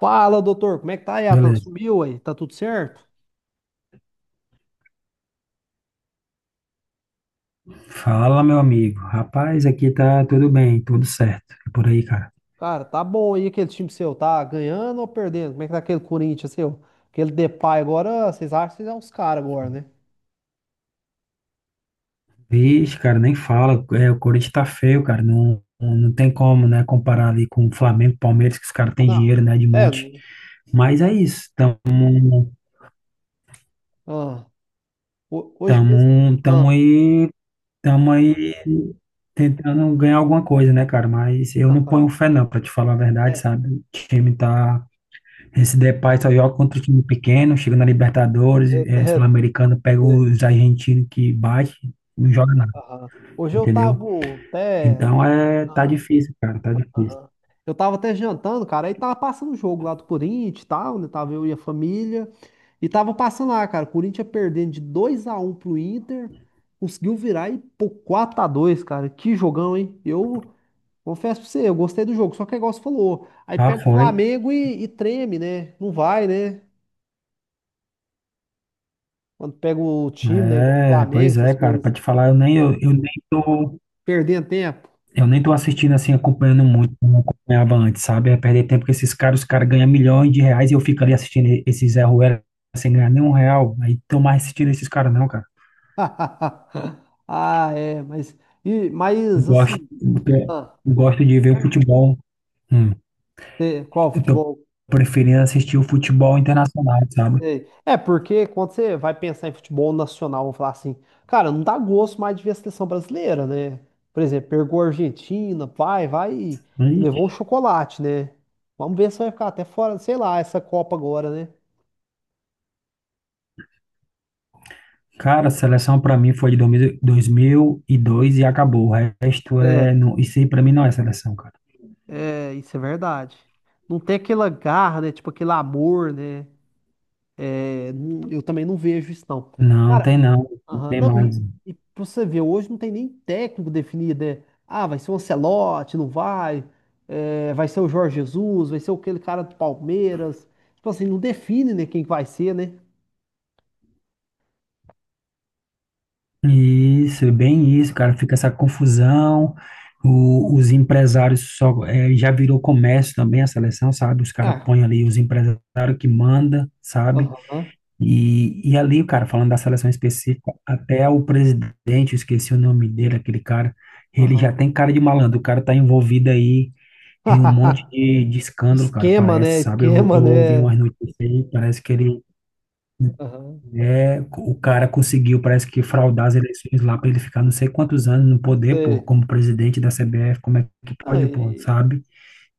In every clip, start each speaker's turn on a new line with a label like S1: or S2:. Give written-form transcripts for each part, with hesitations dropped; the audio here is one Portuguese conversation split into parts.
S1: Fala, doutor, como é que tá, Yatan?
S2: Beleza.
S1: Sumiu aí? Tá tudo certo?
S2: Fala, meu amigo. Rapaz, aqui tá tudo bem, tudo certo. E por aí, cara.
S1: Cara, tá bom aí aquele time seu, tá ganhando ou perdendo? Como é que tá aquele Corinthians seu? Aquele Depay agora, vocês acham que vocês são os caras agora, né?
S2: Vixe, cara, nem fala. É, o Corinthians tá feio, cara. Não, não tem como, né, comparar ali com o Flamengo, Palmeiras, que os caras
S1: Ah,
S2: têm
S1: não.
S2: dinheiro, né, de
S1: É,
S2: monte.
S1: não
S2: Mas é
S1: tem.
S2: isso.
S1: Ah, hoje mesmo.
S2: Tamo,
S1: Ah,
S2: tamo aí, tamo aí tentando ganhar alguma coisa, né, cara? Mas eu não ponho fé, não, pra te falar a verdade,
S1: é,
S2: sabe? O time tá Esse Depay só joga contra o time pequeno, chega na Libertadores,
S1: é, é,
S2: Sul-Americano, pega
S1: é,
S2: os argentinos que bate, não joga nada,
S1: aham. Hoje eu
S2: entendeu?
S1: tava até.
S2: Então tá
S1: Ah,
S2: difícil, cara, tá difícil.
S1: aham. Eu tava até jantando, cara, aí tava passando o jogo lá do Corinthians e tal, né? Tava eu e a família. E tava passando lá, cara. O Corinthians perdendo de 2-1 pro Inter. Conseguiu virar e pô, 4-2, cara. Que jogão, hein? Eu confesso pra você, eu gostei do jogo. Só que é igual você falou. Aí
S2: Ah,
S1: pega o
S2: foi.
S1: Flamengo e treme, né? Não vai, né? Quando pega o time, né? Igual o
S2: É,
S1: Flamengo,
S2: pois
S1: essas
S2: é, cara,
S1: coisas.
S2: pra te falar,
S1: Perdendo tempo.
S2: eu nem tô assistindo assim, acompanhando muito, como acompanhava antes, sabe? É perder tempo com esses caras, os caras ganham milhões de reais e eu fico ali assistindo esses Zé Ruela sem ganhar nenhum real. Aí tô mais assistindo esses caras não, cara.
S1: Ah, é. Mas, e,
S2: Eu
S1: mas
S2: gosto,
S1: assim, ah,
S2: eu gosto de ver o futebol. Hum.
S1: é, qual
S2: Eu tô
S1: futebol?
S2: preferindo assistir o futebol internacional, sabe?
S1: Sei. É, porque quando você vai pensar em futebol nacional, vamos falar assim, cara, não dá gosto mais de ver a seleção brasileira, né? Por exemplo, pegou a Argentina, vai e
S2: Aí,
S1: levou um chocolate, né? Vamos ver se vai ficar até fora, sei lá, essa Copa agora, né?
S2: cara, a seleção pra mim foi de 2000 2002 e dois e acabou. O resto
S1: É,
S2: é. Não, isso aí pra mim não é seleção, cara.
S1: é, isso é verdade. Não tem aquela garra, né? Tipo aquele amor, né? É, eu também não vejo isso, não.
S2: Não, tem não. Não
S1: Aham.
S2: tem
S1: Não,
S2: mais.
S1: e pra você ver, hoje não tem nem técnico definido, né? Ah, vai ser o Ancelotti, não vai? É, vai ser o Jorge Jesus, vai ser aquele cara do Palmeiras. Tipo assim, não define, né, quem que vai ser, né?
S2: Isso, é bem isso, cara. Fica essa confusão. Os empresários só. Já virou comércio também a seleção, sabe? Os caras
S1: Ah,
S2: põem ali os empresários que manda, sabe?
S1: aham,
S2: E ali, cara, falando da seleção específica, até o presidente, eu esqueci o nome dele, aquele cara, ele já
S1: aham.
S2: tem cara de malandro, o cara tá envolvido aí em um monte de escândalo, cara,
S1: Esquema,
S2: parece,
S1: né?
S2: sabe? Eu,
S1: Esquema,
S2: eu ouvi
S1: né?
S2: umas notícias aí, parece que
S1: Aham,
S2: o cara conseguiu, parece que fraudar as eleições lá pra ele ficar não sei quantos anos no poder, pô,
S1: sei.
S2: como presidente da CBF, como é que pode, pô,
S1: Aí,
S2: sabe?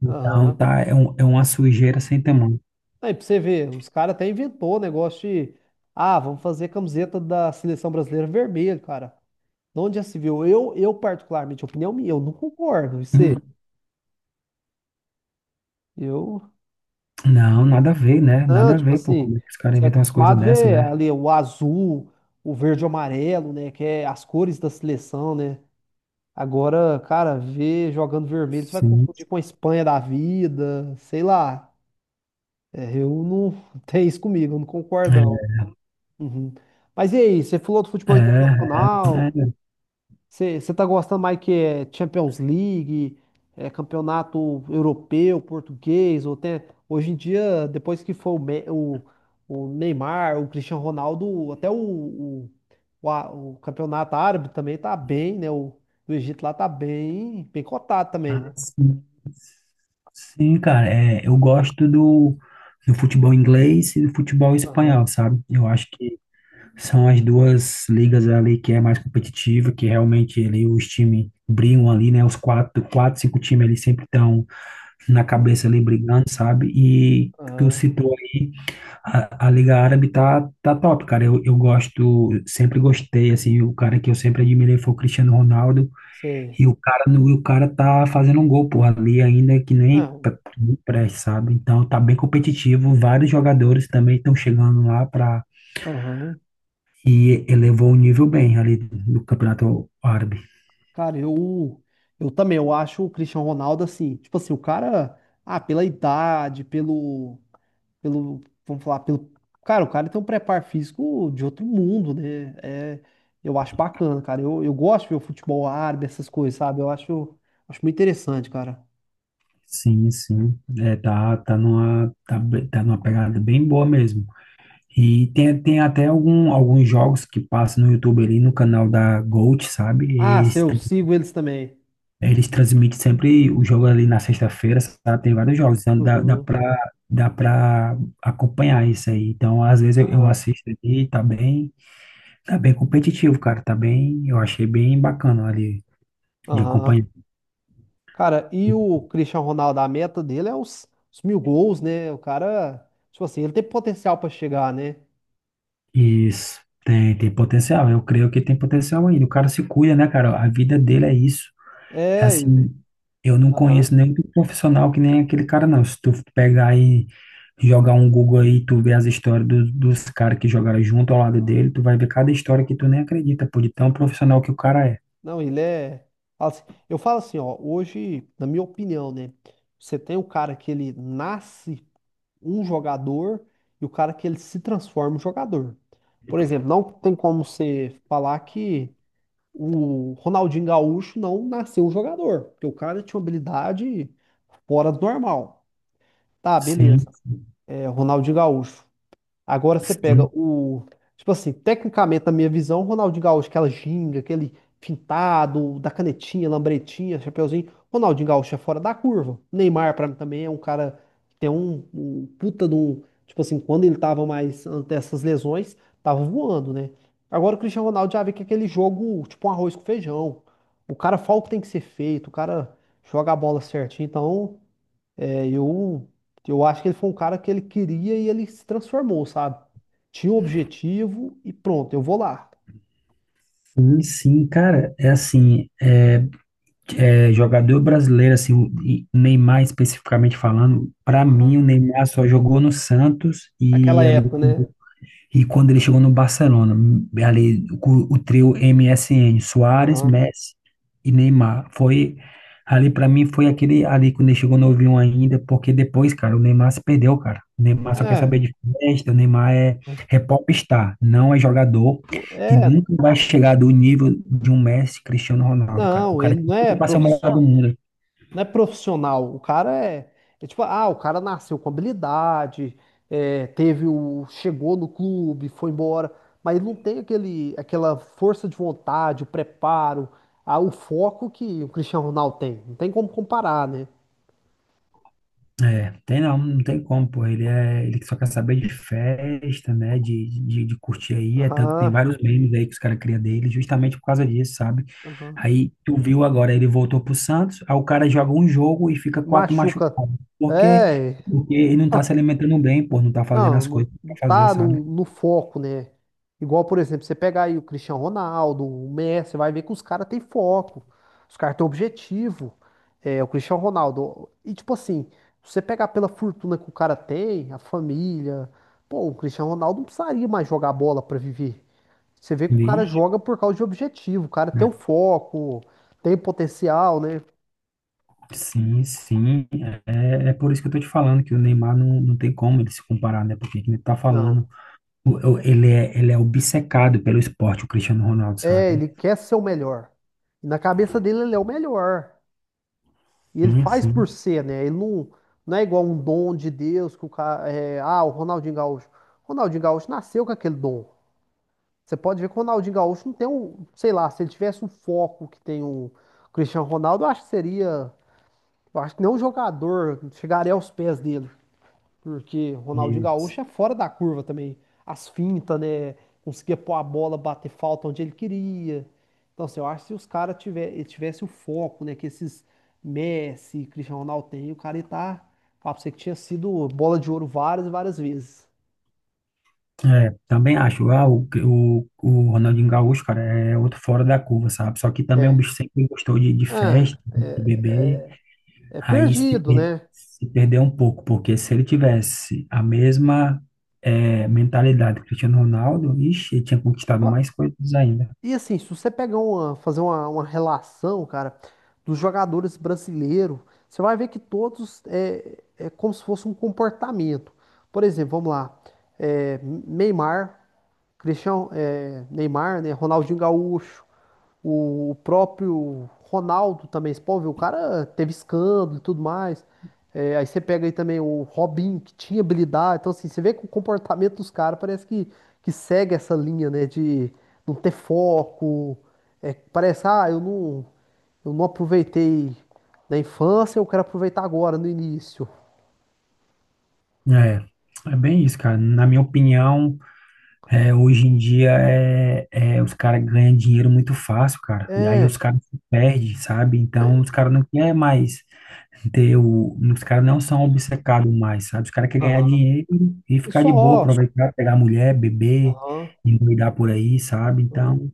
S2: Então,
S1: aham.
S2: tá, é uma sujeira sem tamanho.
S1: Aí pra você ver, os caras até inventou o negócio de, ah, vamos fazer camiseta da seleção brasileira vermelha, cara. Onde já se viu? Eu particularmente, opinião minha, eu não concordo. E Você,
S2: Hum.
S1: eu,
S2: Não, nada a ver, né?
S1: não,
S2: Nada a
S1: tipo
S2: ver, pô.
S1: assim,
S2: Como é que os caras
S1: você é
S2: inventam umas coisas
S1: acostumado a
S2: dessa,
S1: ver
S2: né?
S1: ali o azul, o verde e o amarelo, né? Que é as cores da seleção, né? Agora, cara, ver jogando vermelho, você vai
S2: Sim,
S1: confundir com a Espanha da vida, sei lá. É, eu não tem isso comigo, eu não concordo, não. Uhum. Mas e aí, você falou do
S2: é,
S1: futebol
S2: é, é,
S1: internacional?
S2: é.
S1: Você tá gostando mais que é Champions League, é campeonato europeu, português, ou tem, hoje em dia, depois que foi o, o Neymar, o Cristiano Ronaldo, até o, o campeonato árabe também tá bem, né? O do Egito lá tá bem, bem cotado também, né?
S2: Ah, sim, sim, cara, eu gosto do futebol inglês e do futebol
S1: Aham,
S2: espanhol, sabe? Eu acho que são as duas ligas ali que é mais competitiva, que realmente ali os times brigam ali, né? Os quatro, quatro, cinco times ali sempre estão na cabeça ali brigando, sabe? E tu
S1: aham,
S2: citou aí, a Liga Árabe tá top, cara, eu gosto, sempre gostei, assim, o cara que eu sempre admirei foi o Cristiano Ronaldo.
S1: sei.
S2: E o cara tá fazendo um gol, pô, ali ainda que nem
S1: Ah,
S2: nem preste, sabe? Então tá bem competitivo. Vários jogadores também estão chegando lá para
S1: Aham.
S2: e elevou o nível bem ali do Campeonato Árabe.
S1: Cara, eu também, eu acho o Cristiano Ronaldo assim, tipo assim, o cara, ah, pela idade, pelo. Pelo, vamos falar, pelo, cara, o cara tem um preparo físico de outro mundo, né? É, eu acho bacana, cara. Eu gosto de ver o futebol árabe, essas coisas, sabe? Eu acho, acho muito interessante, cara.
S2: Sim, sim. É, tá numa pegada bem boa mesmo. E tem até alguns jogos que passam no YouTube ali no canal da Gold, sabe? E
S1: Ah, sim,
S2: eles
S1: eu sigo eles também.
S2: É, eles transmitem sempre o jogo ali na sexta-feira, sabe? Tem vários jogos, então dá, dá
S1: Uhum,
S2: pra, dá pra acompanhar isso aí. Então, às vezes eu
S1: aham,
S2: assisto ali, tá bem competitivo, cara, tá bem, eu achei bem bacana ali de
S1: aham.
S2: acompanhar.
S1: Cara, e o Cristiano Ronaldo, a meta dele é os 1.000 gols, né? O cara, tipo assim, ele tem potencial pra chegar, né?
S2: Isso, tem potencial, eu creio que tem potencial ainda. O cara se cuida, né, cara? A vida dele é isso.
S1: É, ele.
S2: Assim, eu não conheço
S1: Aham.
S2: nenhum profissional que nem aquele cara, não. Se tu pegar e jogar um Google aí, tu vê as histórias dos caras que jogaram junto ao lado dele, tu vai ver cada história que tu nem acredita, pô, de tão profissional que o cara é.
S1: Não, ele é. Assim, eu falo assim, ó, hoje, na minha opinião, né? Você tem o cara que ele nasce um jogador e o cara que ele se transforma um jogador. Por exemplo, não tem como você falar que o Ronaldinho Gaúcho não nasceu um jogador, porque o cara tinha uma habilidade fora do normal. Tá, beleza.
S2: Sim,
S1: É, Ronaldinho Gaúcho. Agora você pega
S2: sim,
S1: o. Tipo assim, tecnicamente, na minha visão, o Ronaldinho Gaúcho, aquela ginga, aquele fintado, da canetinha, lambretinha, chapeuzinho. Ronaldinho Gaúcho é fora da curva. Neymar, pra mim, também é um cara que tem um puta de um. Tipo assim, quando ele tava mais antes dessas lesões, tava voando, né? Agora o Cristiano Ronaldo já vê que é aquele jogo, tipo um arroz com feijão. O cara fala o que tem que ser feito, o cara joga a bola certinho. Então. É, eu acho que ele foi um cara que ele queria e ele se transformou, sabe? Tinha um objetivo e pronto, eu vou lá.
S2: sim, sim, cara, é assim, é jogador brasileiro, assim, o e Neymar especificamente falando, pra
S1: Aham.
S2: mim o Neymar só jogou no Santos
S1: Aquela
S2: e ali
S1: época, né?
S2: E quando ele chegou no Barcelona, ali o trio MSN Suárez,
S1: Aham.
S2: Messi e Neymar, foi ali para mim foi aquele ali quando ele chegou novinho ainda, porque depois, cara, o Neymar se perdeu, cara. O Neymar só quer
S1: É,
S2: saber de festa, o Neymar é,
S1: é,
S2: é popstar, não é jogador
S1: não,
S2: e
S1: é,
S2: nunca vai chegar do nível de um Messi, Cristiano Ronaldo, cara. O
S1: não,
S2: cara
S1: ele não
S2: tem
S1: é
S2: que passar o melhor do
S1: profissional,
S2: mundo.
S1: não é profissional. O cara é, é tipo, ah, o cara nasceu com habilidade, é, teve o, chegou no clube, foi embora, mas ele não tem aquele, aquela força de vontade, o preparo, ah, o foco que o Cristiano Ronaldo tem. Não tem como comparar, né?
S2: É, tem não, não tem como, pô. Ele só quer saber de festa, né? De curtir aí. É tanto, tem
S1: Aham,
S2: vários memes aí que os caras criam dele, justamente por causa disso, sabe?
S1: aham.
S2: Aí tu viu agora, ele voltou pro Santos, aí o cara joga um jogo e fica quatro machucados.
S1: Machuca.
S2: Por quê?
S1: É.
S2: Porque ele não tá se
S1: ah,
S2: alimentando bem, pô, não tá fazendo
S1: Não,
S2: as
S1: não,
S2: coisas
S1: não
S2: pra fazer,
S1: tá
S2: sabe?
S1: no, no foco, né? Igual, por exemplo, você pegar aí o Cristiano Ronaldo, o Messi, você vai ver que os caras têm foco. Os caras têm objetivo. É, o Cristiano Ronaldo. E tipo assim, se você pegar pela fortuna que o cara tem, a família. Pô, o Cristiano Ronaldo não precisaria mais jogar bola pra viver. Você vê que o cara
S2: Vixe.
S1: joga por causa de objetivo. O cara tem o foco, tem potencial, né?
S2: Sim, sim. É por isso que eu tô te falando que o Neymar não, não tem como ele se comparar, né? Porque que nem tu tá falando.
S1: Não.
S2: Ele é obcecado pelo esporte, o Cristiano Ronaldo,
S1: É,
S2: sabe?
S1: ele quer ser o melhor. E na cabeça dele, ele é o melhor. E ele
S2: Sim,
S1: faz
S2: sim.
S1: por ser, né? Ele não, não é igual um dom de Deus que o cara. É, ah, o Ronaldinho Gaúcho. Ronaldinho Gaúcho nasceu com aquele dom. Você pode ver que o Ronaldinho Gaúcho não tem um. Sei lá, se ele tivesse um foco que tem o Cristiano Ronaldo, eu acho que seria. Eu acho que nenhum jogador chegaria aos pés dele. Porque Ronaldinho
S2: E
S1: Gaúcho é fora da curva também. As fintas, né? Conseguia pôr a bola, bater falta onde ele queria. Então, assim, eu acho que se os caras tiver, tivesse o foco, né? Que esses Messi, Cristiano Ronaldo tem, o cara ia tá. Fala pra você que tinha sido bola de ouro várias e várias vezes.
S2: É, também acho. Ah, o Ronaldinho Gaúcho, cara, é outro fora da curva, sabe? Só que também o
S1: É,
S2: bicho que sempre gostou de
S1: ah,
S2: festa, de
S1: é,
S2: beber.
S1: é
S2: Aí se,
S1: perdido,
S2: per-
S1: né?
S2: se perdeu um pouco, porque se ele tivesse a mesma mentalidade do Cristiano Ronaldo, ixi, ele tinha conquistado mais coisas ainda.
S1: E assim, se você pegar uma, fazer uma relação, cara, dos jogadores brasileiros, você vai ver que todos é, é como se fosse um comportamento. Por exemplo, vamos lá, é, Neymar. Cristiano, é, Neymar, né? Ronaldinho Gaúcho, o próprio Ronaldo também, você pode ver, o cara teve escândalo e tudo mais. É, aí você pega aí também o Robinho, que tinha habilidade. Então, assim, você vê que o comportamento dos caras parece que segue essa linha, né? De não ter foco. É, parece, ah, eu não aproveitei na infância, eu quero aproveitar agora, no início.
S2: É, é bem isso, cara. Na minha opinião, hoje em dia os caras ganham dinheiro muito fácil, cara. E aí os
S1: É.
S2: caras se perdem, sabe? Então
S1: é,
S2: os caras não querem mais ter o. Os caras não são obcecados mais, sabe? Os caras querem ganhar
S1: Aham.
S2: dinheiro e
S1: E
S2: ficar de boa,
S1: só.
S2: aproveitar, pegar mulher, beber,
S1: Aham.
S2: endoidar por aí, sabe?
S1: Aham.
S2: Então,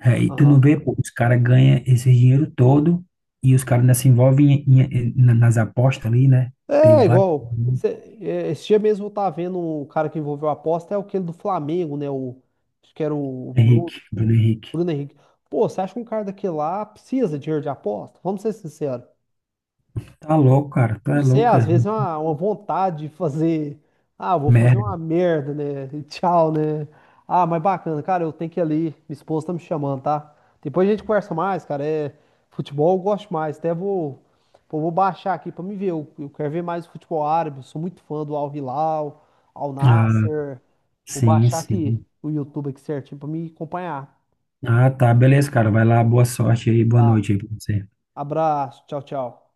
S2: e tu não
S1: Aham.
S2: vê, pô, os caras ganham esse dinheiro todo e os caras ainda se envolvem nas apostas ali, né? Teve
S1: É,
S2: vários.
S1: igual. É, esse dia mesmo eu tava vendo o cara que envolveu a aposta, é aquele do Flamengo, né? O, acho que era o Bruno,
S2: Bruno Henrique.
S1: Bruno Henrique. Pô, você acha que um cara daquele lá precisa de dinheiro de aposta? Vamos ser sinceros.
S2: Tá louco, cara.
S1: Não
S2: Tá
S1: sei,
S2: louco,
S1: às
S2: cara.
S1: vezes é uma vontade de fazer. Ah, vou fazer uma
S2: Merda.
S1: merda, né? E tchau, né? Ah, mas bacana, cara, eu tenho que ir ali. Minha esposa tá me chamando, tá? Depois a gente conversa mais, cara. É, futebol eu gosto mais. Até vou, pô, vou baixar aqui pra me ver. Eu quero ver mais futebol árabe. Eu sou muito fã do Al Hilal, Al
S2: Ah,
S1: Nassr. Vou
S2: sim,
S1: baixar aqui
S2: sim.
S1: o YouTube aqui certinho pra me acompanhar.
S2: Ah, tá, beleza, cara. Vai lá, boa sorte aí, boa
S1: Tá?
S2: noite aí pra você.
S1: Abraço, tchau, tchau.